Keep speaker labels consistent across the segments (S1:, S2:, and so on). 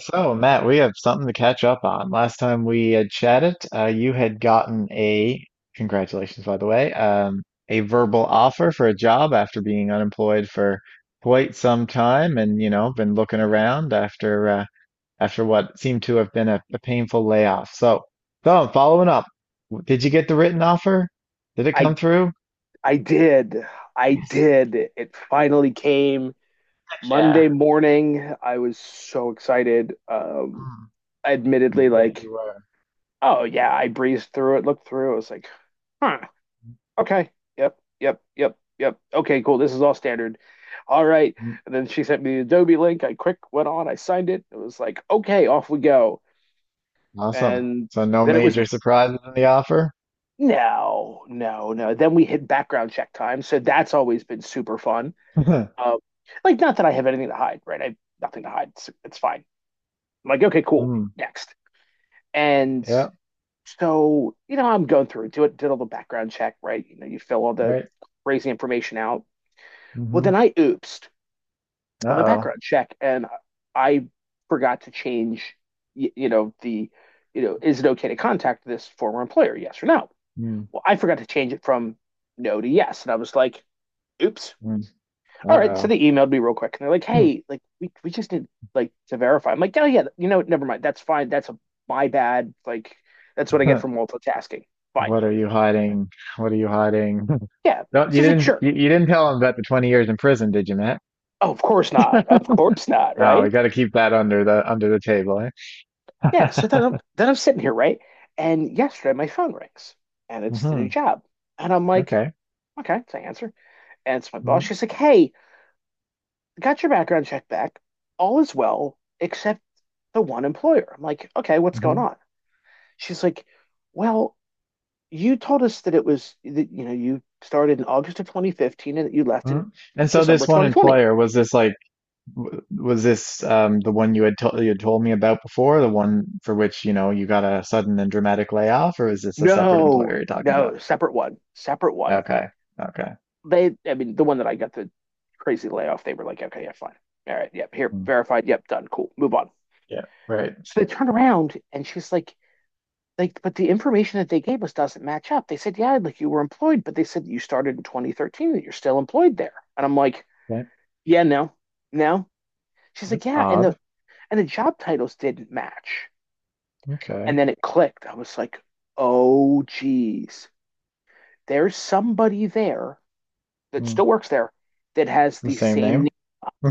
S1: So, Matt, we have something to catch up on. Last time we had chatted, you had gotten congratulations, by the way, a verbal offer for a job after being unemployed for quite some time and, you know, been looking around after after what seemed to have been a painful layoff. So I'm following up. Did you get the written offer? Did it come
S2: I
S1: through?
S2: I did. I did. It finally came
S1: Yeah.
S2: Monday morning. I was so excited.
S1: Hmm, I
S2: Admittedly,
S1: bet you
S2: like,
S1: were.
S2: oh yeah, I breezed through it, looked through it. I was like, huh, okay, yep, yep, yep, yep. Okay, cool. This is all standard. All right.
S1: Mm.
S2: And then she sent me the Adobe link. I quick went on, I signed it. It was like, okay, off we go.
S1: Awesome.
S2: And
S1: So no
S2: then it was
S1: major surprises in the offer?
S2: no, no, no. Then we hit background check time. So that's always been super fun. Um, like, not that I have anything to hide, right? I have nothing to hide. It's fine. I'm like, okay, cool.
S1: Hmm.
S2: Next. And
S1: Yeah,
S2: so, you know, I'm going through, do it, did all the background check, right? You know, you fill all the
S1: right.
S2: crazy information out. Well,
S1: Hmm.
S2: then I oopsed on the
S1: Uh-oh.
S2: background check and I forgot to change, you know, the, you know, is it okay to contact this former employer? Yes or no?
S1: Mm,
S2: Well, I forgot to change it from no to yes. And I was like, oops,
S1: mm.
S2: all right. So
S1: Uh-oh.
S2: they emailed me real quick and they're like, hey, like we just need like to verify. I'm like, oh yeah, you know, never mind. That's fine. That's a, my bad. Like that's what I get for multitasking. Fine.
S1: What are you hiding? What are you hiding?
S2: Yeah.
S1: Don't
S2: So I
S1: you
S2: was like,
S1: didn't
S2: sure.
S1: you, you didn't tell him about the 20 years in prison, did you, Matt?
S2: Oh, of course not. Of course not.
S1: No, we
S2: Right.
S1: got to keep that under the table,
S2: Yeah. So
S1: eh?
S2: then I'm sitting here, right? And yesterday my phone rings and it's the new
S1: hmm.
S2: job. And I'm like,
S1: Okay.
S2: okay, so I answer. And it's my boss.
S1: Mm.
S2: She's like, hey, got your background check back. All is well, except the one employer. I'm like, okay, what's going
S1: Mm-hmm.
S2: on? She's like, well, you told us that it was that you know you started in August of 2015 and that you left
S1: Hmm.
S2: in
S1: And so this
S2: December
S1: one
S2: 2020.
S1: employer was this like w- was this the one you had told me about before, the one for which, you know, you got a sudden and dramatic layoff, or is this a separate employer
S2: No,
S1: you're talking about?
S2: no, separate one, separate one.
S1: Okay. Okay.
S2: They, I mean, the one that I got the crazy layoff, they were like, okay, yeah, fine, all right, yep, here,
S1: Hmm.
S2: verified, yep, done, cool, move on.
S1: Yeah, right.
S2: So they turned around and she's like, but the information that they gave us doesn't match up. They said, yeah, like you were employed, but they said you started in 2013 that you're still employed there. And I'm like,
S1: That,
S2: yeah, no, no. She's like,
S1: that's
S2: yeah,
S1: odd.
S2: and the job titles didn't match. And
S1: Okay.
S2: then it clicked. I was like, oh, geez, there's somebody there that
S1: Hmm.
S2: still works there that has
S1: The
S2: the
S1: same
S2: same
S1: name?
S2: name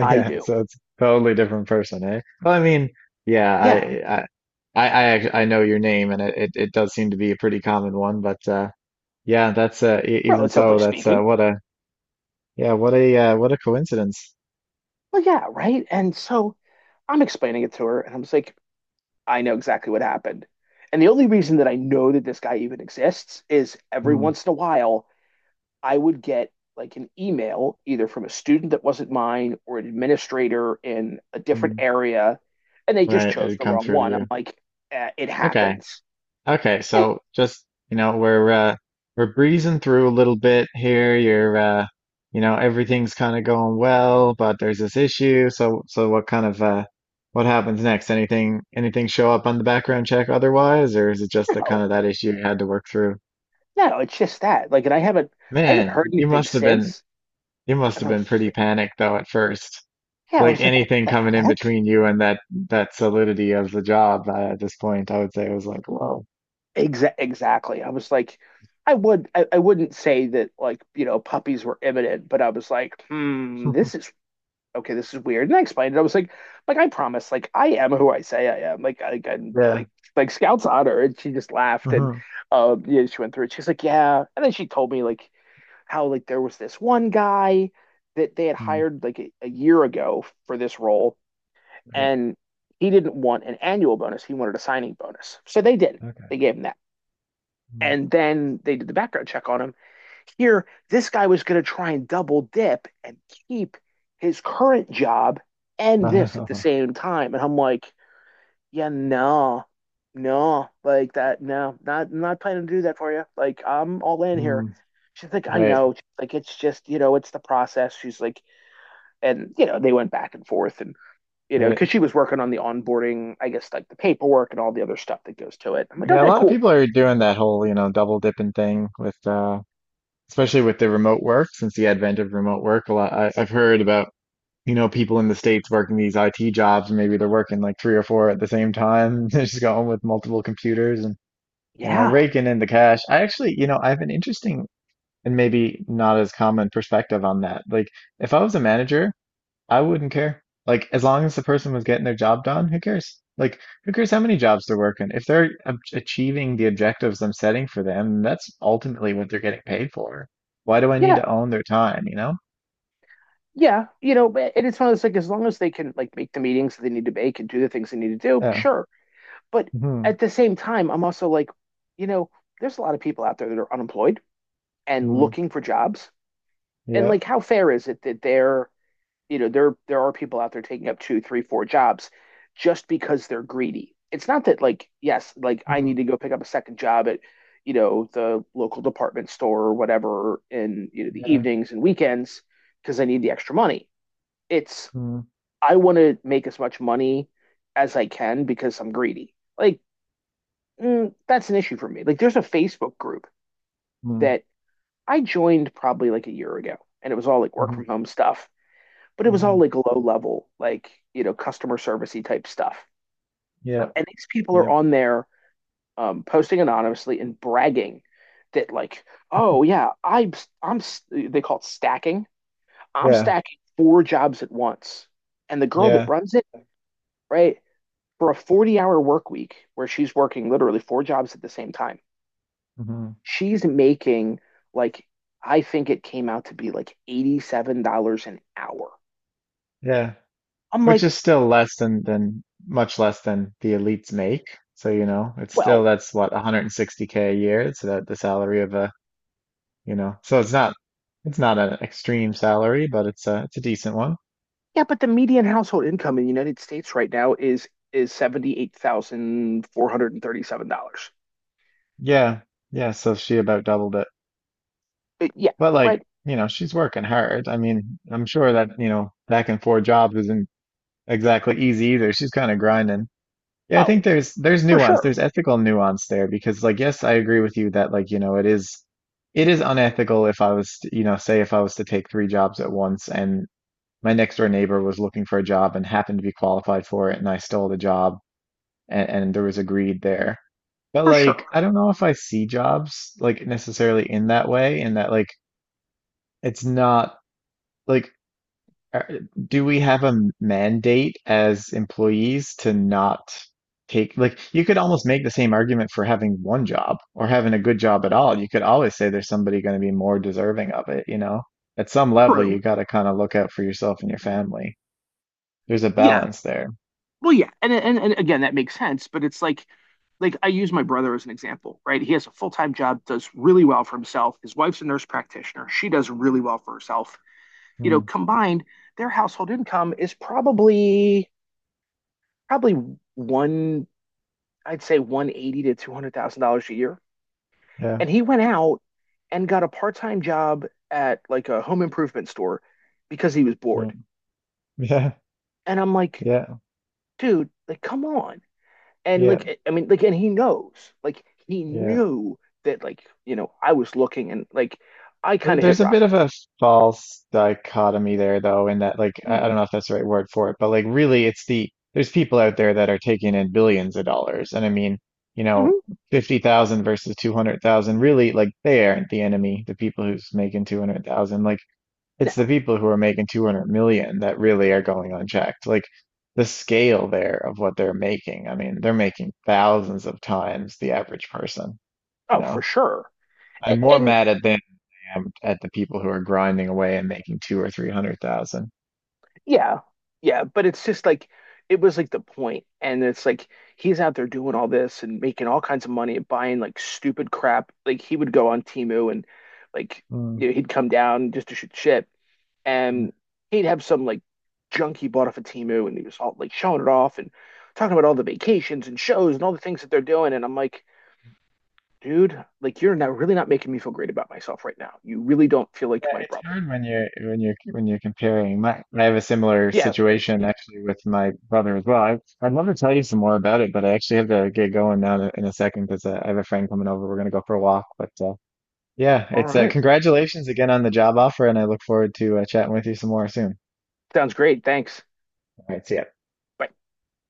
S2: I do.
S1: so it's totally different person, eh? Well, I mean, yeah,
S2: Yeah,
S1: I, I know your name, and it does seem to be a pretty common one. But yeah, that's even so,
S2: relatively speaking.
S1: yeah, what a coincidence.
S2: Well, yeah, right. And so I'm explaining it to her, and I'm just like, I know exactly what happened. And the only reason that I know that this guy even exists is every
S1: Hmm.
S2: once in a while, I would get like an email either from a student that wasn't mine or an administrator in a different
S1: Hmm.
S2: area, and they
S1: Right,
S2: just
S1: it
S2: chose
S1: had
S2: the
S1: come
S2: wrong
S1: through to
S2: one. I'm
S1: you.
S2: like, eh, it
S1: Okay.
S2: happens.
S1: Okay,
S2: I
S1: so just, you know, we're breezing through a little bit here. You know, everything's kind of going well, but there's this issue. So what what happens next? Anything show up on the background check otherwise, or is it just the kind of
S2: no,
S1: that issue you had to work through?
S2: no, it's just that. Like, and I haven't
S1: Man,
S2: heard
S1: you
S2: anything
S1: must have been
S2: since.
S1: you must
S2: And
S1: have
S2: I
S1: been
S2: was just
S1: pretty
S2: like,
S1: panicked though at first.
S2: yeah, I
S1: Like
S2: was like, what
S1: anything
S2: the
S1: coming in
S2: heck?
S1: between you and that solidity of the job at this point, I would say was like, whoa.
S2: Exactly. I was like, I wouldn't say that like puppies were imminent, but I was like, hmm, this is okay, this is weird. And I explained it. I was like I promise, like I am who I say I am. I'm
S1: Yeah.
S2: like Scout's honor. And she just laughed and
S1: Hmm.
S2: yeah, she went through it. She's like, yeah. And then she told me like how like there was this one guy that they had hired like a year ago for this role,
S1: Right.
S2: and he didn't want an annual bonus. He wanted a signing bonus. So they did. They
S1: Okay.
S2: gave him that.
S1: Mm.
S2: And then they did the background check on him here, this guy was going to try and double dip and keep his current job and this at the same time. And I'm like, yeah, no, no, like that, no, not not planning to do that for you. Like, I'm all in here.
S1: Mm,
S2: She's like, I
S1: right.
S2: know. She's like, it's just, you know, it's the process. She's like, and, you know, they went back and forth and, you know, because
S1: Right.
S2: she was working on the onboarding, I guess, like the paperwork and all the other stuff that goes to it. I'm like,
S1: Yeah, a
S2: okay,
S1: lot of
S2: cool.
S1: people are doing that whole, you know, double dipping thing with especially with the remote work, since the advent of remote work, I've heard about, you know, people in the States working these IT jobs, and maybe they're working like three or four at the same time. They're just going with multiple computers and, you know,
S2: Yeah.
S1: raking in the cash. I actually, you know, I have an interesting and maybe not as common perspective on that. Like if I was a manager, I wouldn't care. Like, as long as the person was getting their job done, who cares? Like, who cares how many jobs they're working? If they're achieving the objectives I'm setting for them, that's ultimately what they're getting paid for. Why do I need
S2: Yeah.
S1: to own their time, you know?
S2: Yeah, you know, and it's one of those like as long as they can like make the meetings that they need to make and do the things they need to do,
S1: Yeah.
S2: sure. But
S1: Hmm.
S2: at the same time, I'm also like, you know, there's a lot of people out there that are unemployed and
S1: Hmm.
S2: looking for jobs. And like,
S1: Yep.
S2: how fair is it that they're, you know, there are people out there taking up two, three, four jobs just because they're greedy. It's not that like, yes, like I need
S1: Mm.
S2: to go pick up a second job at, you know, the local department store or whatever in, you know, the
S1: Yeah.
S2: evenings and weekends because I need the extra money. It's
S1: Mm.
S2: I want to make as much money as I can because I'm greedy. Like, mm, that's an issue for me. Like, there's a Facebook group
S1: Mm.
S2: that I joined probably like a year ago, and it was all like work
S1: Hmm.
S2: from home stuff, but it was all
S1: Hmm.
S2: like low level, like, you know, customer servicey type stuff.
S1: Yep.
S2: And these people are
S1: Yep.
S2: on there posting anonymously and bragging that, like, oh, yeah, I'm, they call it stacking. I'm
S1: Yeah.
S2: stacking four jobs at once. And the girl that
S1: Yeah.
S2: runs it, right? For a 40-hour work week where she's working literally four jobs at the same time,
S1: Hmm.
S2: she's making like, I think it came out to be like $87 an hour.
S1: Yeah,
S2: I'm
S1: which
S2: like,
S1: is still less than much less than the elites make. So, you know, it's still
S2: well,
S1: that's what 160K a year. It's the salary of a, you know, so it's not an extreme salary, but it's a decent one.
S2: yeah, but the median household income in the United States right now is $78,437.
S1: Yeah. Yeah, so she about doubled it.
S2: Yeah,
S1: But like,
S2: right.
S1: you know, she's working hard. I mean, I'm sure that, you know, back and forth jobs isn't exactly easy either. She's kind of grinding. Yeah, I think
S2: Oh,
S1: there's
S2: for
S1: nuance.
S2: sure.
S1: There's ethical nuance there because like yes, I agree with you that like, you know, it is unethical if I was, to- you know, say if I was to take three jobs at once and my next door neighbor was looking for a job and happened to be qualified for it and I stole the job and there was a greed there. But
S2: For sure.
S1: like, I don't know if I see jobs like necessarily in that way, in that like it's not like uh, do we have a mandate as employees to not take, like, you could almost make the same argument for having one job or having a good job at all. You could always say there's somebody going to be more deserving of it, you know? At some level, you
S2: True.
S1: got to kind of look out for yourself and your family. There's a
S2: Yeah,
S1: balance there.
S2: well, yeah, and again, that makes sense, but it's like I use my brother as an example, right? He has a full-time job, does really well for himself. His wife's a nurse practitioner. She does really well for herself. You
S1: Hmm.
S2: know, combined, their household income is probably one, I'd say 180 to $200,000 a year.
S1: Yeah,
S2: And he went out and got a part-time job at like a home improvement store because he was
S1: mm,
S2: bored.
S1: yeah,
S2: And I'm like,
S1: yeah,
S2: dude, like come on. And
S1: yeah,
S2: like I mean like and he knows like he
S1: yeah.
S2: knew that like you know I was looking and like I kind of hit
S1: There's a
S2: rock.
S1: bit of a false dichotomy there, though, in that, like, I don't
S2: Mm.
S1: know if that's the right word for it, but like, really, it's the there's people out there that are taking in billions of dollars, and I mean, you know,
S2: Mhm.
S1: 50,000 versus 200,000, really, like, they aren't the enemy, the people who's making 200,000. Like,
S2: No.
S1: it's the people who are making 200 million that really are going unchecked. Like, the scale there of what they're making, I mean, they're making thousands of times the average person, you
S2: Oh,
S1: know.
S2: for sure. and,
S1: I'm more
S2: and
S1: mad at them at the people who are grinding away and making two or three hundred thousand.
S2: yeah. Yeah, but it's just like it was like the point and it's like he's out there doing all this and making all kinds of money and buying like stupid crap like he would go on Temu and like
S1: Mm.
S2: you know, he'd come down just to shoot shit
S1: Yeah,
S2: and he'd have some like junk he bought off of Timu, and he was all like showing it off and talking about all the vacations and shows and all the things that they're doing. And I'm like, dude, like you're not really not making me feel great about myself right now. You really don't feel like my
S1: it's
S2: brother.
S1: hard when you're comparing. My, I have a similar
S2: Yeah.
S1: situation actually with my brother as well. I'd love to tell you some more about it, but I actually have to get going now in in a second because I have a friend coming over. We're gonna go for a walk, but yeah,
S2: All
S1: it's
S2: right.
S1: congratulations again on the job offer, and I look forward to chatting with you some more soon.
S2: Sounds great. Thanks.
S1: All right, see ya.
S2: Bye.